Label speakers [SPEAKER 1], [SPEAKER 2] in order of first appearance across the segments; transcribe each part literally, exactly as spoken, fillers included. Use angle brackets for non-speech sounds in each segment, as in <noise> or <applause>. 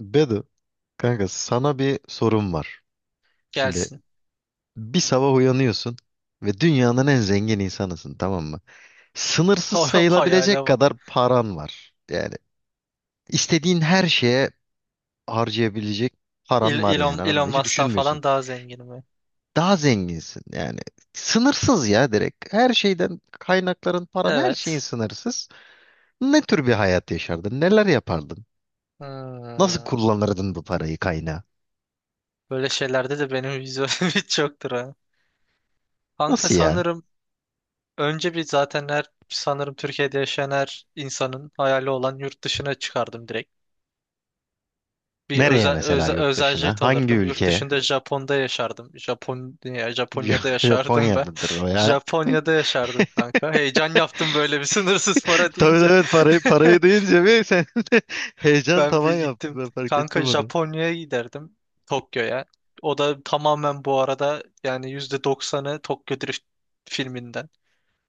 [SPEAKER 1] Bedu, kanka sana bir sorum var. Şimdi
[SPEAKER 2] Gelsin.
[SPEAKER 1] bir sabah uyanıyorsun ve dünyanın en zengin insanısın, tamam mı?
[SPEAKER 2] <laughs>
[SPEAKER 1] Sınırsız
[SPEAKER 2] O hayale
[SPEAKER 1] sayılabilecek
[SPEAKER 2] bak.
[SPEAKER 1] kadar paran var. Yani istediğin her şeye harcayabilecek
[SPEAKER 2] Il-
[SPEAKER 1] paran var,
[SPEAKER 2] Elon,
[SPEAKER 1] yani anladın
[SPEAKER 2] Elon
[SPEAKER 1] mı? Hiç
[SPEAKER 2] Musk'tan
[SPEAKER 1] düşünmüyorsun.
[SPEAKER 2] falan daha zenginim ben.
[SPEAKER 1] Daha zenginsin yani. Sınırsız ya, direkt. Her şeyden kaynakların, paran, her şeyin
[SPEAKER 2] Evet.
[SPEAKER 1] sınırsız. Ne tür bir hayat yaşardın? Neler yapardın? Nasıl
[SPEAKER 2] Hmm.
[SPEAKER 1] kullanırdın bu parayı, kaynağı?
[SPEAKER 2] Böyle şeylerde de benim vizyonum <laughs> hiç yoktur ha. Kanka
[SPEAKER 1] Nasıl ya?
[SPEAKER 2] sanırım önce bir zaten her sanırım Türkiye'de yaşayan her insanın hayali olan yurt dışına çıkardım direkt. Bir
[SPEAKER 1] Nereye
[SPEAKER 2] özel,
[SPEAKER 1] mesela,
[SPEAKER 2] özel,
[SPEAKER 1] yurt
[SPEAKER 2] özel jet
[SPEAKER 1] dışına? Hangi
[SPEAKER 2] alırdım. Yurt
[SPEAKER 1] ülke?
[SPEAKER 2] dışında Japon'da yaşardım. Japonya, Japonya'da
[SPEAKER 1] <laughs>
[SPEAKER 2] yaşardım ben.
[SPEAKER 1] Japonya'dadır o
[SPEAKER 2] <laughs>
[SPEAKER 1] ya.
[SPEAKER 2] Japonya'da yaşardım kanka. Heyecan yaptım böyle bir sınırsız para
[SPEAKER 1] <laughs> Tabii,
[SPEAKER 2] deyince.
[SPEAKER 1] evet, parayı parayı
[SPEAKER 2] <laughs>
[SPEAKER 1] deyince bir sen de <laughs> heyecan
[SPEAKER 2] Ben bir
[SPEAKER 1] tavan yaptı,
[SPEAKER 2] gittim.
[SPEAKER 1] ben fark
[SPEAKER 2] Kanka
[SPEAKER 1] ettim onu.
[SPEAKER 2] Japonya'ya giderdim. Tokyo'ya. O da tamamen bu arada yani yüzde doksanı Tokyo Drift filminden.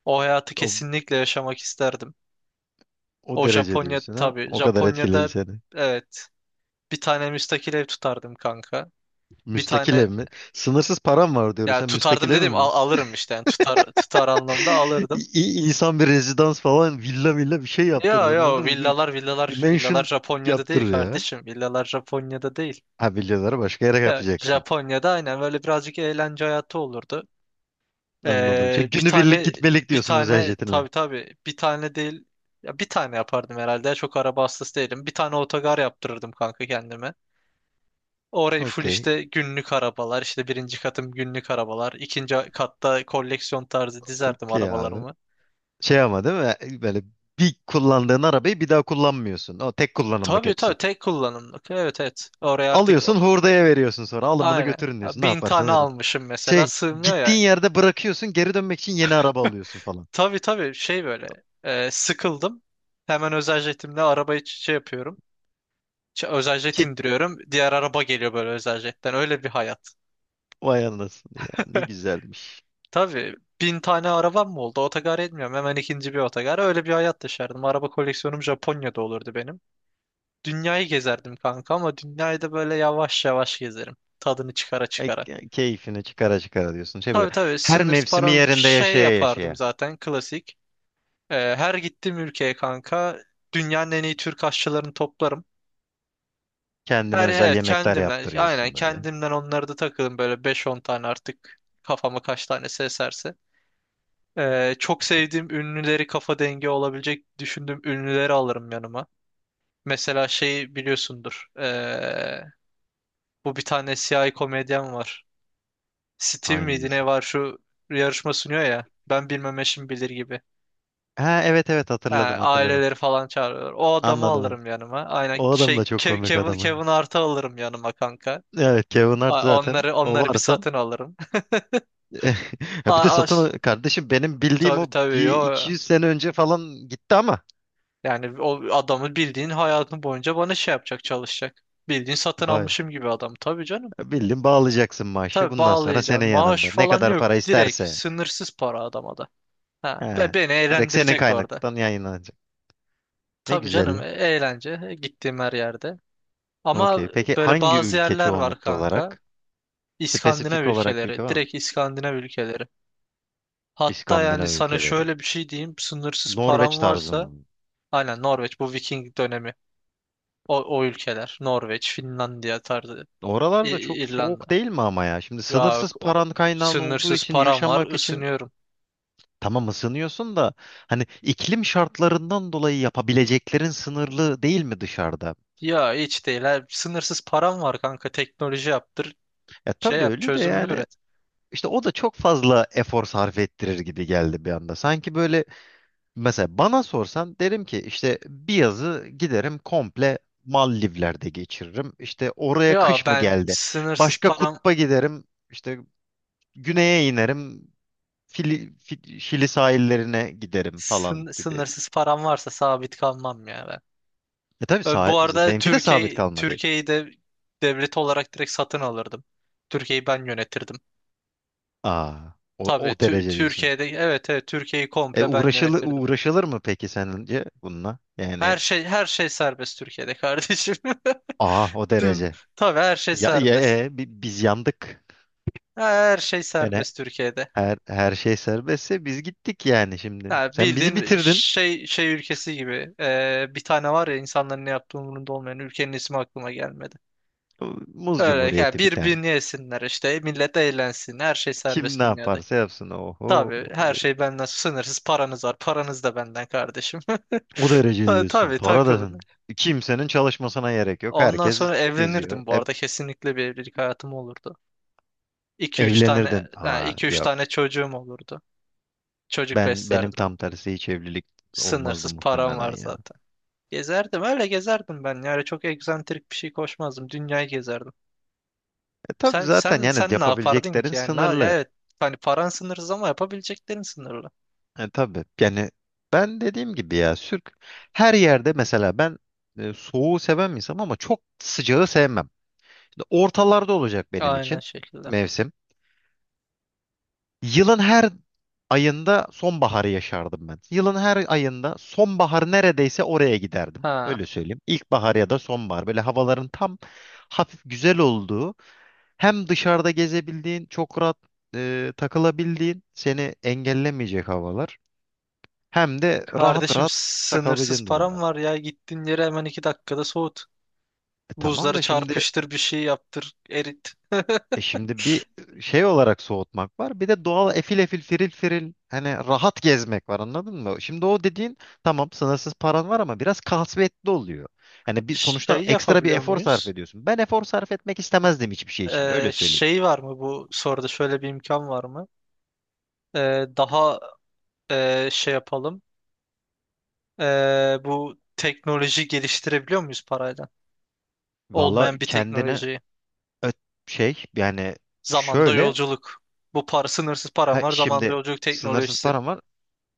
[SPEAKER 2] O hayatı
[SPEAKER 1] O,
[SPEAKER 2] kesinlikle yaşamak isterdim.
[SPEAKER 1] o
[SPEAKER 2] O
[SPEAKER 1] derece
[SPEAKER 2] Japonya
[SPEAKER 1] diyorsun ha.
[SPEAKER 2] tabii.
[SPEAKER 1] O kadar etkiledi
[SPEAKER 2] Japonya'da
[SPEAKER 1] seni.
[SPEAKER 2] evet bir tane müstakil ev tutardım kanka. Bir
[SPEAKER 1] Müstakil
[SPEAKER 2] tane
[SPEAKER 1] ev mi? Sınırsız param var diyoruz.
[SPEAKER 2] ya
[SPEAKER 1] Sen müstakil
[SPEAKER 2] tutardım
[SPEAKER 1] ev
[SPEAKER 2] dedim,
[SPEAKER 1] mi
[SPEAKER 2] al-
[SPEAKER 1] diyorsun?
[SPEAKER 2] alırım işte, yani tutar tutar anlamda
[SPEAKER 1] <laughs>
[SPEAKER 2] alırdım.
[SPEAKER 1] İ- İnsan bir rezidans falan, villa villa bir şey yaptırır
[SPEAKER 2] Ya ya
[SPEAKER 1] anladın mı? Bir,
[SPEAKER 2] villalar
[SPEAKER 1] bir
[SPEAKER 2] villalar villalar
[SPEAKER 1] mansion
[SPEAKER 2] Japonya'da değil
[SPEAKER 1] yaptırır ya.
[SPEAKER 2] kardeşim. Villalar Japonya'da değil.
[SPEAKER 1] Ha, villaları başka yere
[SPEAKER 2] Ya
[SPEAKER 1] yapacaksın.
[SPEAKER 2] Japonya'da aynen böyle birazcık eğlence hayatı olurdu.
[SPEAKER 1] Anladım. Şey,
[SPEAKER 2] Ee, bir
[SPEAKER 1] günübirlik
[SPEAKER 2] tane
[SPEAKER 1] gitmelik
[SPEAKER 2] bir
[SPEAKER 1] diyorsun özel
[SPEAKER 2] tane
[SPEAKER 1] jetinle.
[SPEAKER 2] tabii tabii bir tane değil, ya bir tane yapardım herhalde. Ya, çok araba hastası değilim. Bir tane otogar yaptırırdım kanka kendime. Orayı full
[SPEAKER 1] Okey.
[SPEAKER 2] işte günlük arabalar, işte birinci katım günlük arabalar. İkinci katta koleksiyon tarzı dizerdim
[SPEAKER 1] Ki abi.
[SPEAKER 2] arabalarımı.
[SPEAKER 1] Şey, ama değil mi? Böyle bir kullandığın arabayı bir daha kullanmıyorsun. O tek kullanımlık
[SPEAKER 2] Tabii
[SPEAKER 1] hepsi.
[SPEAKER 2] tabii tek kullanımlık. Evet evet. Oraya artık
[SPEAKER 1] Alıyorsun, hurdaya veriyorsun sonra. Alın bunu
[SPEAKER 2] aynen.
[SPEAKER 1] götürün
[SPEAKER 2] Ya,
[SPEAKER 1] diyorsun. Ne
[SPEAKER 2] bin tane
[SPEAKER 1] yaparsanız yapın.
[SPEAKER 2] almışım mesela,
[SPEAKER 1] Şey,
[SPEAKER 2] sığmıyor
[SPEAKER 1] gittiğin
[SPEAKER 2] ya.
[SPEAKER 1] yerde bırakıyorsun. Geri dönmek için yeni araba alıyorsun falan.
[SPEAKER 2] Tabii tabii şey böyle, e, sıkıldım. Hemen özel jetimle arabayı şey yapıyorum. Ç- Özel jet
[SPEAKER 1] Çek,
[SPEAKER 2] indiriyorum. Diğer araba geliyor böyle özel jetten. Öyle bir hayat.
[SPEAKER 1] vay anasını ya. Ne
[SPEAKER 2] <laughs>
[SPEAKER 1] güzelmiş.
[SPEAKER 2] Tabii bin tane arabam mı oldu? Otogar etmiyorum. Hemen ikinci bir otogar. Öyle bir hayat yaşardım. Araba koleksiyonum Japonya'da olurdu benim. Dünyayı gezerdim kanka, ama dünyayı da böyle yavaş yavaş gezerim. Tadını çıkara
[SPEAKER 1] Ay,
[SPEAKER 2] çıkara.
[SPEAKER 1] ke- keyfini çıkara çıkara diyorsun. Şey böyle,
[SPEAKER 2] Tabii tabii
[SPEAKER 1] her
[SPEAKER 2] sınır
[SPEAKER 1] mevsimi
[SPEAKER 2] param
[SPEAKER 1] yerinde
[SPEAKER 2] şey
[SPEAKER 1] yaşaya
[SPEAKER 2] yapardım
[SPEAKER 1] yaşaya.
[SPEAKER 2] zaten klasik. Ee, her gittiğim ülkeye kanka dünyanın en iyi Türk aşçılarını toplarım.
[SPEAKER 1] Kendine
[SPEAKER 2] Her
[SPEAKER 1] özel
[SPEAKER 2] evet
[SPEAKER 1] yemekler
[SPEAKER 2] kendimden aynen
[SPEAKER 1] yaptırıyorsun böyle.
[SPEAKER 2] kendimden, onları da takılın böyle beş on tane, artık kafama kaç tanesi eserse. Ee, çok sevdiğim ünlüleri, kafa dengi olabilecek düşündüğüm ünlüleri alırım yanıma. Mesela şey biliyorsundur. ee, bu bir tane siyahi komedyen var. Steve miydi
[SPEAKER 1] Hangisi?
[SPEAKER 2] ne var, şu yarışma sunuyor ya. Ben bilmem, eşim bilir gibi.
[SPEAKER 1] Ha, evet evet,
[SPEAKER 2] Ha,
[SPEAKER 1] hatırladım hatırladım.
[SPEAKER 2] aileleri falan çağırıyorlar. O adamı
[SPEAKER 1] Anladım. Anladım.
[SPEAKER 2] alırım yanıma. Aynen
[SPEAKER 1] O adam da
[SPEAKER 2] şey,
[SPEAKER 1] çok
[SPEAKER 2] Ke-
[SPEAKER 1] komik
[SPEAKER 2] Kevin
[SPEAKER 1] adam.
[SPEAKER 2] Kevin Hart'ı alırım yanıma kanka.
[SPEAKER 1] Evet, Kevin Hart
[SPEAKER 2] A-
[SPEAKER 1] zaten
[SPEAKER 2] Onları
[SPEAKER 1] o
[SPEAKER 2] onları bir
[SPEAKER 1] varsa <laughs>
[SPEAKER 2] satın alırım. <laughs>
[SPEAKER 1] ya, bir de
[SPEAKER 2] A-
[SPEAKER 1] satın,
[SPEAKER 2] As
[SPEAKER 1] kardeşim, benim bildiğim
[SPEAKER 2] tabii
[SPEAKER 1] o
[SPEAKER 2] tabii
[SPEAKER 1] bir iki
[SPEAKER 2] yo.
[SPEAKER 1] yüz sene önce falan gitti ama
[SPEAKER 2] Yani o adamı bildiğin hayatın boyunca bana şey yapacak, çalışacak. Bildiğin satın
[SPEAKER 1] vay,
[SPEAKER 2] almışım gibi adam. Tabii canım.
[SPEAKER 1] bildim, bağlayacaksın maaşı
[SPEAKER 2] Tabii
[SPEAKER 1] bundan sonra,
[SPEAKER 2] bağlayacağım.
[SPEAKER 1] senin
[SPEAKER 2] Maaş
[SPEAKER 1] yanında ne
[SPEAKER 2] falan
[SPEAKER 1] kadar
[SPEAKER 2] yok.
[SPEAKER 1] para
[SPEAKER 2] Direkt
[SPEAKER 1] isterse.
[SPEAKER 2] sınırsız para adama da. Ha,
[SPEAKER 1] He,
[SPEAKER 2] be beni
[SPEAKER 1] direkt senin
[SPEAKER 2] eğlendirecek orada.
[SPEAKER 1] kaynaktan yayınlanacak ne
[SPEAKER 2] Tabii canım, e-
[SPEAKER 1] güzelliği.
[SPEAKER 2] eğlence, e, gittiğim her yerde.
[SPEAKER 1] Okey,
[SPEAKER 2] Ama
[SPEAKER 1] peki
[SPEAKER 2] böyle
[SPEAKER 1] hangi
[SPEAKER 2] bazı
[SPEAKER 1] ülke
[SPEAKER 2] yerler var
[SPEAKER 1] çoğunlukta
[SPEAKER 2] kanka.
[SPEAKER 1] olarak,
[SPEAKER 2] İskandinav
[SPEAKER 1] spesifik olarak bir ülke
[SPEAKER 2] ülkeleri.
[SPEAKER 1] var mı?
[SPEAKER 2] Direkt İskandinav ülkeleri. Hatta yani
[SPEAKER 1] İskandinav
[SPEAKER 2] sana
[SPEAKER 1] ülkeleri,
[SPEAKER 2] şöyle bir şey diyeyim. Sınırsız param
[SPEAKER 1] Norveç tarzı
[SPEAKER 2] varsa
[SPEAKER 1] mı?
[SPEAKER 2] aynen Norveç, bu Viking dönemi. O, o ülkeler. Norveç, Finlandiya tarzı. İ-
[SPEAKER 1] Oralarda çok
[SPEAKER 2] İrlanda.
[SPEAKER 1] soğuk değil mi ama ya? Şimdi
[SPEAKER 2] Ya
[SPEAKER 1] sınırsız
[SPEAKER 2] o-
[SPEAKER 1] paran, kaynağın olduğu
[SPEAKER 2] sınırsız
[SPEAKER 1] için
[SPEAKER 2] param var,
[SPEAKER 1] yaşamak için.
[SPEAKER 2] ısınıyorum.
[SPEAKER 1] Tamam, ısınıyorsun da hani iklim şartlarından dolayı yapabileceklerin sınırlı değil mi dışarıda?
[SPEAKER 2] Ya hiç değil, ha. Sınırsız param var kanka. Teknoloji yaptır.
[SPEAKER 1] E
[SPEAKER 2] Şey
[SPEAKER 1] tabii
[SPEAKER 2] yap,
[SPEAKER 1] öyle de
[SPEAKER 2] çözümünü
[SPEAKER 1] yani,
[SPEAKER 2] üret.
[SPEAKER 1] işte o da çok fazla efor sarf ettirir gibi geldi bir anda. Sanki böyle, mesela bana sorsan derim ki işte bir yazı giderim komple Maldivler'de geçiririm. İşte oraya
[SPEAKER 2] Ya
[SPEAKER 1] kış mı
[SPEAKER 2] ben
[SPEAKER 1] geldi?
[SPEAKER 2] sınırsız
[SPEAKER 1] Başka
[SPEAKER 2] param
[SPEAKER 1] kutba giderim, işte güneye inerim, Fili, Fi- Şili sahillerine giderim falan
[SPEAKER 2] sın-
[SPEAKER 1] gibi.
[SPEAKER 2] Sınırsız param varsa sabit kalmam ya ben.
[SPEAKER 1] E tabii,
[SPEAKER 2] Ö, Bu
[SPEAKER 1] sah-
[SPEAKER 2] arada
[SPEAKER 1] benimki de sabit
[SPEAKER 2] Türkiye
[SPEAKER 1] kalmadı.
[SPEAKER 2] Türkiye'yi de devlet olarak direkt satın alırdım. Türkiye'yi ben yönetirdim.
[SPEAKER 1] Aa, o,
[SPEAKER 2] Tabii
[SPEAKER 1] o
[SPEAKER 2] Tü-
[SPEAKER 1] derece diyorsun.
[SPEAKER 2] Türkiye'de, evet evet, Türkiye'yi
[SPEAKER 1] E,
[SPEAKER 2] komple ben
[SPEAKER 1] uğraşılır,
[SPEAKER 2] yönetirdim.
[SPEAKER 1] uğraşılır mı peki sence bununla? Yani
[SPEAKER 2] Her şey her şey serbest Türkiye'de kardeşim.
[SPEAKER 1] aa, o
[SPEAKER 2] <laughs> Tüm-
[SPEAKER 1] derece.
[SPEAKER 2] Tabii her şey
[SPEAKER 1] Ya, ya,
[SPEAKER 2] serbest.
[SPEAKER 1] e, bi- biz yandık.
[SPEAKER 2] Her şey
[SPEAKER 1] Yani
[SPEAKER 2] serbest Türkiye'de.
[SPEAKER 1] her her şey serbestse biz gittik yani şimdi.
[SPEAKER 2] Ha,
[SPEAKER 1] Sen bizi
[SPEAKER 2] bildiğin
[SPEAKER 1] bitirdin.
[SPEAKER 2] şey şey ülkesi gibi. Ee, bir tane var ya, insanların ne yaptığı umurunda olmayan, ülkenin ismi aklıma gelmedi.
[SPEAKER 1] Muz
[SPEAKER 2] Öyle ya,
[SPEAKER 1] Cumhuriyeti bir tane.
[SPEAKER 2] birbirini yesinler, işte millet eğlensin, her şey
[SPEAKER 1] Kim
[SPEAKER 2] serbest
[SPEAKER 1] ne
[SPEAKER 2] dünyada.
[SPEAKER 1] yaparsa yapsın. Oho.
[SPEAKER 2] Tabii her şey benden, sınırsız paranız var, paranız da benden kardeşim. <laughs>
[SPEAKER 1] O derece
[SPEAKER 2] Ta-
[SPEAKER 1] diyorsun.
[SPEAKER 2] Tabii
[SPEAKER 1] Para da
[SPEAKER 2] takılın.
[SPEAKER 1] kimsenin çalışmasına gerek yok.
[SPEAKER 2] Ondan
[SPEAKER 1] Herkes
[SPEAKER 2] sonra
[SPEAKER 1] geziyor.
[SPEAKER 2] evlenirdim bu
[SPEAKER 1] E,
[SPEAKER 2] arada, kesinlikle bir evlilik hayatım olurdu. iki üç tane,
[SPEAKER 1] evlenirdin.
[SPEAKER 2] ha,
[SPEAKER 1] Aa
[SPEAKER 2] iki üç
[SPEAKER 1] yok.
[SPEAKER 2] tane çocuğum olurdu. Çocuk
[SPEAKER 1] Ben, benim
[SPEAKER 2] beslerdim.
[SPEAKER 1] tam tersi, hiç evlilik olmazdı
[SPEAKER 2] Sınırsız param
[SPEAKER 1] muhtemelen
[SPEAKER 2] var
[SPEAKER 1] ya.
[SPEAKER 2] zaten. Gezerdim, öyle gezerdim ben. Yani çok egzantrik bir şey koşmazdım. Dünyayı gezerdim.
[SPEAKER 1] E tabii,
[SPEAKER 2] Sen
[SPEAKER 1] zaten
[SPEAKER 2] sen
[SPEAKER 1] yani
[SPEAKER 2] sen ne yapardın
[SPEAKER 1] yapabileceklerin
[SPEAKER 2] ki yani? Ne, ya
[SPEAKER 1] sınırlı.
[SPEAKER 2] evet, hani paran sınırsız ama yapabileceklerin sınırlı.
[SPEAKER 1] E tabii yani, ben dediğim gibi ya sürk her yerde mesela ben e, soğuğu seven bir insanım ama çok sıcağı sevmem. Şimdi ortalarda olacak benim
[SPEAKER 2] Aynen
[SPEAKER 1] için
[SPEAKER 2] şekilde.
[SPEAKER 1] mevsim. Yılın her ayında sonbaharı yaşardım ben. Yılın her ayında sonbahar neredeyse, oraya giderdim.
[SPEAKER 2] Ha.
[SPEAKER 1] Öyle söyleyeyim. İlkbahar ya da sonbahar. Böyle havaların tam hafif güzel olduğu, hem dışarıda gezebildiğin, çok rahat e, takılabildiğin, seni engellemeyecek havalar. Hem de rahat
[SPEAKER 2] Kardeşim
[SPEAKER 1] rahat
[SPEAKER 2] sınırsız
[SPEAKER 1] takılabileceğin
[SPEAKER 2] param
[SPEAKER 1] durumlar.
[SPEAKER 2] var ya. Gittiğin yere hemen iki dakikada soğut.
[SPEAKER 1] E tamam
[SPEAKER 2] Buzları
[SPEAKER 1] da şimdi,
[SPEAKER 2] çarpıştır, bir şey yaptır, erit. <laughs>
[SPEAKER 1] e şimdi bir şey olarak soğutmak var. Bir de doğal efil efil firil firil, hani rahat gezmek var anladın mı? Şimdi o dediğin, tamam sınırsız paran var ama biraz kasvetli oluyor. Hani bir sonuçta
[SPEAKER 2] Şey
[SPEAKER 1] ekstra bir
[SPEAKER 2] yapabiliyor
[SPEAKER 1] efor sarf
[SPEAKER 2] muyuz?
[SPEAKER 1] ediyorsun. Ben efor sarf etmek istemezdim hiçbir şey için,
[SPEAKER 2] Ee,
[SPEAKER 1] öyle söyleyeyim.
[SPEAKER 2] şey var mı, bu soruda şöyle bir imkan var mı? Ee, daha, e, şey yapalım. Ee, bu teknoloji geliştirebiliyor muyuz parayla?
[SPEAKER 1] Valla
[SPEAKER 2] Olmayan bir
[SPEAKER 1] kendini,
[SPEAKER 2] teknolojiyi.
[SPEAKER 1] ö- şey yani
[SPEAKER 2] Zamanda
[SPEAKER 1] şöyle,
[SPEAKER 2] yolculuk. Bu para, sınırsız param
[SPEAKER 1] ha,
[SPEAKER 2] var. Zamanda
[SPEAKER 1] şimdi
[SPEAKER 2] yolculuk
[SPEAKER 1] sınırsız
[SPEAKER 2] teknolojisi.
[SPEAKER 1] paran var.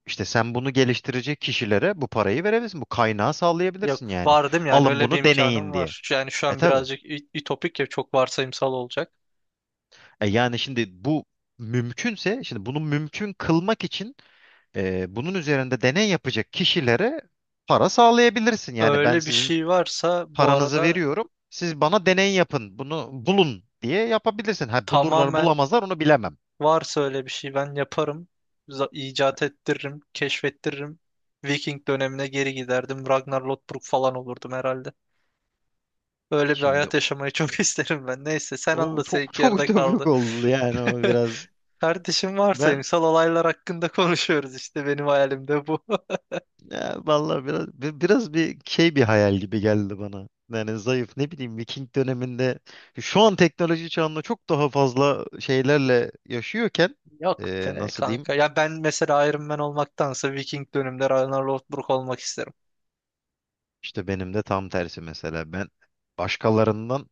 [SPEAKER 1] İşte sen bunu geliştirecek kişilere bu parayı verebilirsin. Bu kaynağı
[SPEAKER 2] Yok,
[SPEAKER 1] sağlayabilirsin yani.
[SPEAKER 2] var değil mi yani,
[SPEAKER 1] Alın
[SPEAKER 2] öyle bir
[SPEAKER 1] bunu
[SPEAKER 2] imkanım
[SPEAKER 1] deneyin diye.
[SPEAKER 2] var. Yani şu
[SPEAKER 1] E
[SPEAKER 2] an
[SPEAKER 1] tabi.
[SPEAKER 2] birazcık ü- ütopik, ya çok varsayımsal olacak.
[SPEAKER 1] E yani şimdi bu mümkünse, şimdi bunu mümkün kılmak için e, bunun üzerinde deney yapacak kişilere para sağlayabilirsin. Yani ben
[SPEAKER 2] Öyle bir
[SPEAKER 1] sizin
[SPEAKER 2] şey varsa bu
[SPEAKER 1] paranızı
[SPEAKER 2] arada
[SPEAKER 1] veriyorum, siz bana deney yapın, bunu bulun diye yapabilirsin. Ha, bulurlar
[SPEAKER 2] tamamen.
[SPEAKER 1] bulamazlar onu bilemem.
[SPEAKER 2] Varsa öyle bir şey ben yaparım. Za- icat ettiririm, keşfettiririm. Viking dönemine geri giderdim. Ragnar Lothbrok falan olurdum herhalde. Öyle bir
[SPEAKER 1] Şimdi
[SPEAKER 2] hayat
[SPEAKER 1] o,
[SPEAKER 2] yaşamayı çok <laughs> isterim ben. Neyse sen
[SPEAKER 1] o
[SPEAKER 2] anlat,
[SPEAKER 1] çok
[SPEAKER 2] seninki
[SPEAKER 1] çok
[SPEAKER 2] yerde
[SPEAKER 1] ütopik
[SPEAKER 2] kaldı.
[SPEAKER 1] oldu yani, o
[SPEAKER 2] <laughs>
[SPEAKER 1] biraz.
[SPEAKER 2] Kardeşim,
[SPEAKER 1] Ben
[SPEAKER 2] varsayımsal olaylar hakkında konuşuyoruz, işte benim hayalimde bu. <laughs>
[SPEAKER 1] Ya vallahi biraz, bi- biraz bir şey, bir hayal gibi geldi bana. Yani zayıf, ne bileyim Viking döneminde, şu an teknoloji çağında çok daha fazla şeylerle yaşıyorken,
[SPEAKER 2] Yok
[SPEAKER 1] e,
[SPEAKER 2] be
[SPEAKER 1] nasıl diyeyim?
[SPEAKER 2] kanka. Ya ben mesela Iron Man olmaktansa Viking döneminde Ragnar Lothbrok olmak isterim.
[SPEAKER 1] İşte benim de tam tersi, mesela ben başkalarından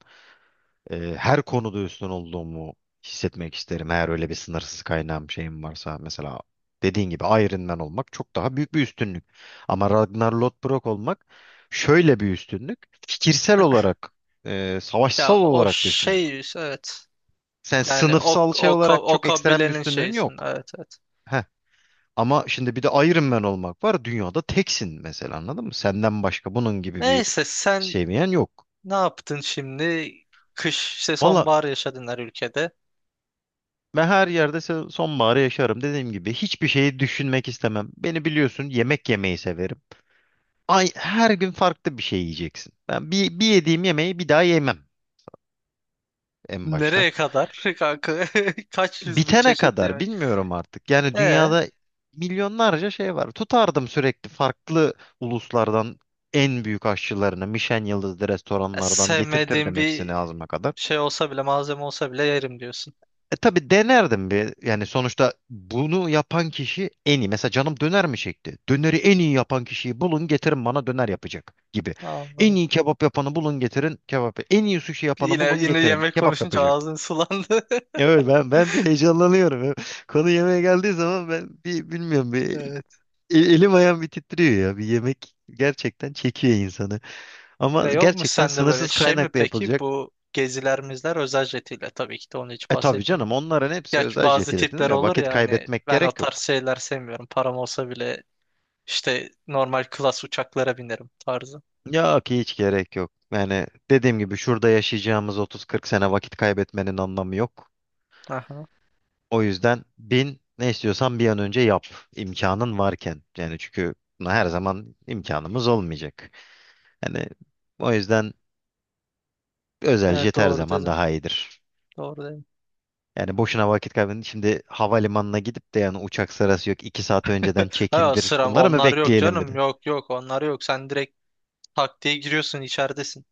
[SPEAKER 1] Ee, her konuda üstün olduğumu hissetmek isterim. Eğer öyle bir sınırsız kaynağım, şeyim varsa, mesela dediğin gibi Iron Man olmak çok daha büyük bir üstünlük. Ama Ragnar Lothbrok olmak şöyle bir üstünlük. Fikirsel olarak, e, savaşsal
[SPEAKER 2] Ya o
[SPEAKER 1] olarak bir üstünlük.
[SPEAKER 2] şey, evet.
[SPEAKER 1] Sen
[SPEAKER 2] Yani o
[SPEAKER 1] sınıfsal şey
[SPEAKER 2] o ka-
[SPEAKER 1] olarak
[SPEAKER 2] o
[SPEAKER 1] çok ekstrem bir
[SPEAKER 2] kabilenin
[SPEAKER 1] üstünlüğün
[SPEAKER 2] şeysin.
[SPEAKER 1] yok.
[SPEAKER 2] Evet evet.
[SPEAKER 1] Heh. Ama şimdi bir de Iron Man olmak var. Dünyada teksin mesela anladın mı? Senden başka bunun gibi bir
[SPEAKER 2] Neyse sen,
[SPEAKER 1] sevmeyen yok.
[SPEAKER 2] ne yaptın şimdi? Kış, işte
[SPEAKER 1] Valla,
[SPEAKER 2] sonbahar yaşadın her ülkede.
[SPEAKER 1] ben her yerde se- sonbaharı yaşarım. Dediğim gibi hiçbir şeyi düşünmek istemem. Beni biliyorsun, yemek yemeyi severim. Ay, her gün farklı bir şey yiyeceksin. Ben bir, bir yediğim yemeği bir daha yemem en başta.
[SPEAKER 2] Nereye kadar <laughs> kanka? <laughs> Kaç yüz bin
[SPEAKER 1] Bitene
[SPEAKER 2] çeşit
[SPEAKER 1] kadar
[SPEAKER 2] yemek.
[SPEAKER 1] bilmiyorum artık. Yani
[SPEAKER 2] E, e,
[SPEAKER 1] dünyada milyonlarca şey var. Tutardım sürekli farklı uluslardan en büyük aşçılarını, Michelin yıldızlı restoranlardan
[SPEAKER 2] sevmediğin
[SPEAKER 1] getirtirdim
[SPEAKER 2] bir
[SPEAKER 1] hepsini ağzıma kadar.
[SPEAKER 2] şey olsa bile, malzeme olsa bile yerim diyorsun.
[SPEAKER 1] E tabii, denerdim bir. Yani sonuçta bunu yapan kişi en iyi. Mesela canım döner mi çekti? Döneri en iyi yapan kişiyi bulun getirin, bana döner yapacak gibi. En
[SPEAKER 2] Anladım.
[SPEAKER 1] iyi kebap yapanı bulun getirin kebap. En iyi sushi yapanı
[SPEAKER 2] Yine
[SPEAKER 1] bulun
[SPEAKER 2] yine
[SPEAKER 1] getirin
[SPEAKER 2] yemek
[SPEAKER 1] kebap
[SPEAKER 2] konuşunca
[SPEAKER 1] yapacak.
[SPEAKER 2] ağzın sulandı. <laughs>
[SPEAKER 1] Evet, ben ben bir heyecanlanıyorum. <laughs> Konu yemeğe geldiği zaman ben bir bilmiyorum, bir
[SPEAKER 2] Evet.
[SPEAKER 1] e- elim ayağım bir titriyor ya. Bir yemek gerçekten çekiyor insanı.
[SPEAKER 2] E,
[SPEAKER 1] Ama
[SPEAKER 2] yok mu
[SPEAKER 1] gerçekten
[SPEAKER 2] sende böyle
[SPEAKER 1] sınırsız
[SPEAKER 2] şey mi
[SPEAKER 1] kaynakla
[SPEAKER 2] peki,
[SPEAKER 1] yapılacak.
[SPEAKER 2] bu geziler mizler özel jetiyle tabii ki de, onu hiç
[SPEAKER 1] E tabii canım,
[SPEAKER 2] bahsetmiyorum.
[SPEAKER 1] onların hepsi
[SPEAKER 2] Gerçi
[SPEAKER 1] özel
[SPEAKER 2] bazı
[SPEAKER 1] jetiyle,
[SPEAKER 2] tipler
[SPEAKER 1] dedim ya,
[SPEAKER 2] olur
[SPEAKER 1] vakit
[SPEAKER 2] ya, hani
[SPEAKER 1] kaybetmek
[SPEAKER 2] ben o
[SPEAKER 1] gerek
[SPEAKER 2] tarz
[SPEAKER 1] yok.
[SPEAKER 2] şeyler sevmiyorum, param olsa bile. İşte normal klas uçaklara binerim tarzı.
[SPEAKER 1] Ya, ki hiç gerek yok. Yani dediğim gibi, şurada yaşayacağımız otuz kırk sene, vakit kaybetmenin anlamı yok.
[SPEAKER 2] Aha.
[SPEAKER 1] O yüzden bin, ne istiyorsan bir an önce yap imkanın varken. Yani çünkü buna her zaman imkanımız olmayacak. Yani o yüzden özel
[SPEAKER 2] Evet,
[SPEAKER 1] jet her
[SPEAKER 2] doğru
[SPEAKER 1] zaman
[SPEAKER 2] dedin.
[SPEAKER 1] daha iyidir.
[SPEAKER 2] Doğru dedin.
[SPEAKER 1] Yani boşuna vakit kaybedin. Şimdi havalimanına gidip de, yani uçak sırası yok. iki saat önceden
[SPEAKER 2] Ha,
[SPEAKER 1] check-in'dir.
[SPEAKER 2] sıram
[SPEAKER 1] Bunları mı
[SPEAKER 2] onlar yok
[SPEAKER 1] bekleyelim bir
[SPEAKER 2] canım.
[SPEAKER 1] de?
[SPEAKER 2] Yok yok, onlar yok. Sen direkt tak diye giriyorsun, içeridesin.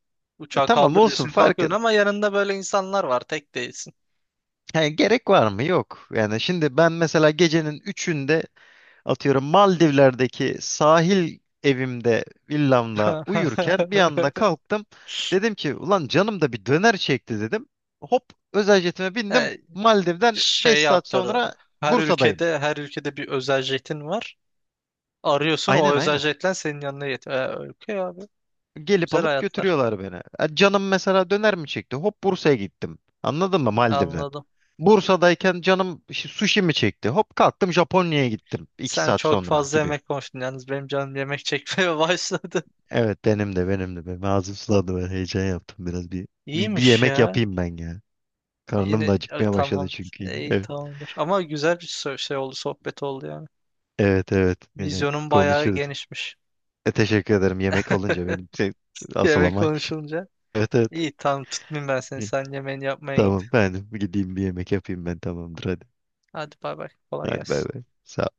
[SPEAKER 1] E
[SPEAKER 2] Uçağı
[SPEAKER 1] tamam,
[SPEAKER 2] kaldır
[SPEAKER 1] olsun
[SPEAKER 2] diyorsun,
[SPEAKER 1] fark et.
[SPEAKER 2] kalkıyorsun, ama yanında böyle insanlar var. Tek değilsin.
[SPEAKER 1] Yani gerek var mı? Yok. Yani şimdi ben mesela gecenin üçünde, atıyorum Maldivler'deki sahil evimde villamla uyurken bir anda
[SPEAKER 2] <laughs>
[SPEAKER 1] kalktım. Dedim ki ulan, canım da bir döner çekti dedim. Hop, özel jetime bindim.
[SPEAKER 2] E,
[SPEAKER 1] Maldiv'den beş
[SPEAKER 2] şey
[SPEAKER 1] saat
[SPEAKER 2] yaptırdı.
[SPEAKER 1] sonra
[SPEAKER 2] Her
[SPEAKER 1] Bursa'dayım.
[SPEAKER 2] ülkede her ülkede bir özel jetin var. Arıyorsun, o
[SPEAKER 1] Aynen,
[SPEAKER 2] özel
[SPEAKER 1] aynen.
[SPEAKER 2] jetle senin yanına yetiyor. E, okey abi.
[SPEAKER 1] Gelip
[SPEAKER 2] Güzel
[SPEAKER 1] alıp
[SPEAKER 2] hayatlar.
[SPEAKER 1] götürüyorlar beni. E, canım mesela döner mi çekti? Hop, Bursa'ya gittim. Anladın mı, Maldiv'den?
[SPEAKER 2] Anladım.
[SPEAKER 1] Bursa'dayken canım şi- sushi mi çekti? Hop kalktım, Japonya'ya gittim iki
[SPEAKER 2] Sen
[SPEAKER 1] saat
[SPEAKER 2] çok
[SPEAKER 1] sonra
[SPEAKER 2] fazla
[SPEAKER 1] gibi.
[SPEAKER 2] yemek konuştun. Yalnız benim canım yemek çekmeye <laughs> başladı.
[SPEAKER 1] Evet, benim de, benim de. Benim ağzım sulandı, ben heyecan yaptım biraz. Bir, bir, bir
[SPEAKER 2] İyiymiş
[SPEAKER 1] yemek
[SPEAKER 2] ya.
[SPEAKER 1] yapayım ben ya. Karnım
[SPEAKER 2] Yine
[SPEAKER 1] da
[SPEAKER 2] ay,
[SPEAKER 1] acıkmaya başladı
[SPEAKER 2] tamam.
[SPEAKER 1] çünkü. Yine.
[SPEAKER 2] İyi,
[SPEAKER 1] Evet
[SPEAKER 2] tamamdır. Ama güzel bir so- şey oldu, sohbet oldu yani.
[SPEAKER 1] evet evet. Yine
[SPEAKER 2] Vizyonun bayağı
[SPEAKER 1] konuşuruz.
[SPEAKER 2] genişmiş.
[SPEAKER 1] E, teşekkür ederim, yemek olunca benim
[SPEAKER 2] <laughs>
[SPEAKER 1] şey, asıl
[SPEAKER 2] Yemek
[SPEAKER 1] ama iş.
[SPEAKER 2] konuşulunca.
[SPEAKER 1] <laughs> Evet evet.
[SPEAKER 2] İyi tamam, tutmayayım ben seni.
[SPEAKER 1] Hı.
[SPEAKER 2] Sen yemeğini yapmaya git.
[SPEAKER 1] Tamam, ben gideyim bir yemek yapayım, ben, tamamdır, hadi.
[SPEAKER 2] Hadi bay bay. Kolay
[SPEAKER 1] Hadi bay
[SPEAKER 2] gelsin.
[SPEAKER 1] bay. Sağ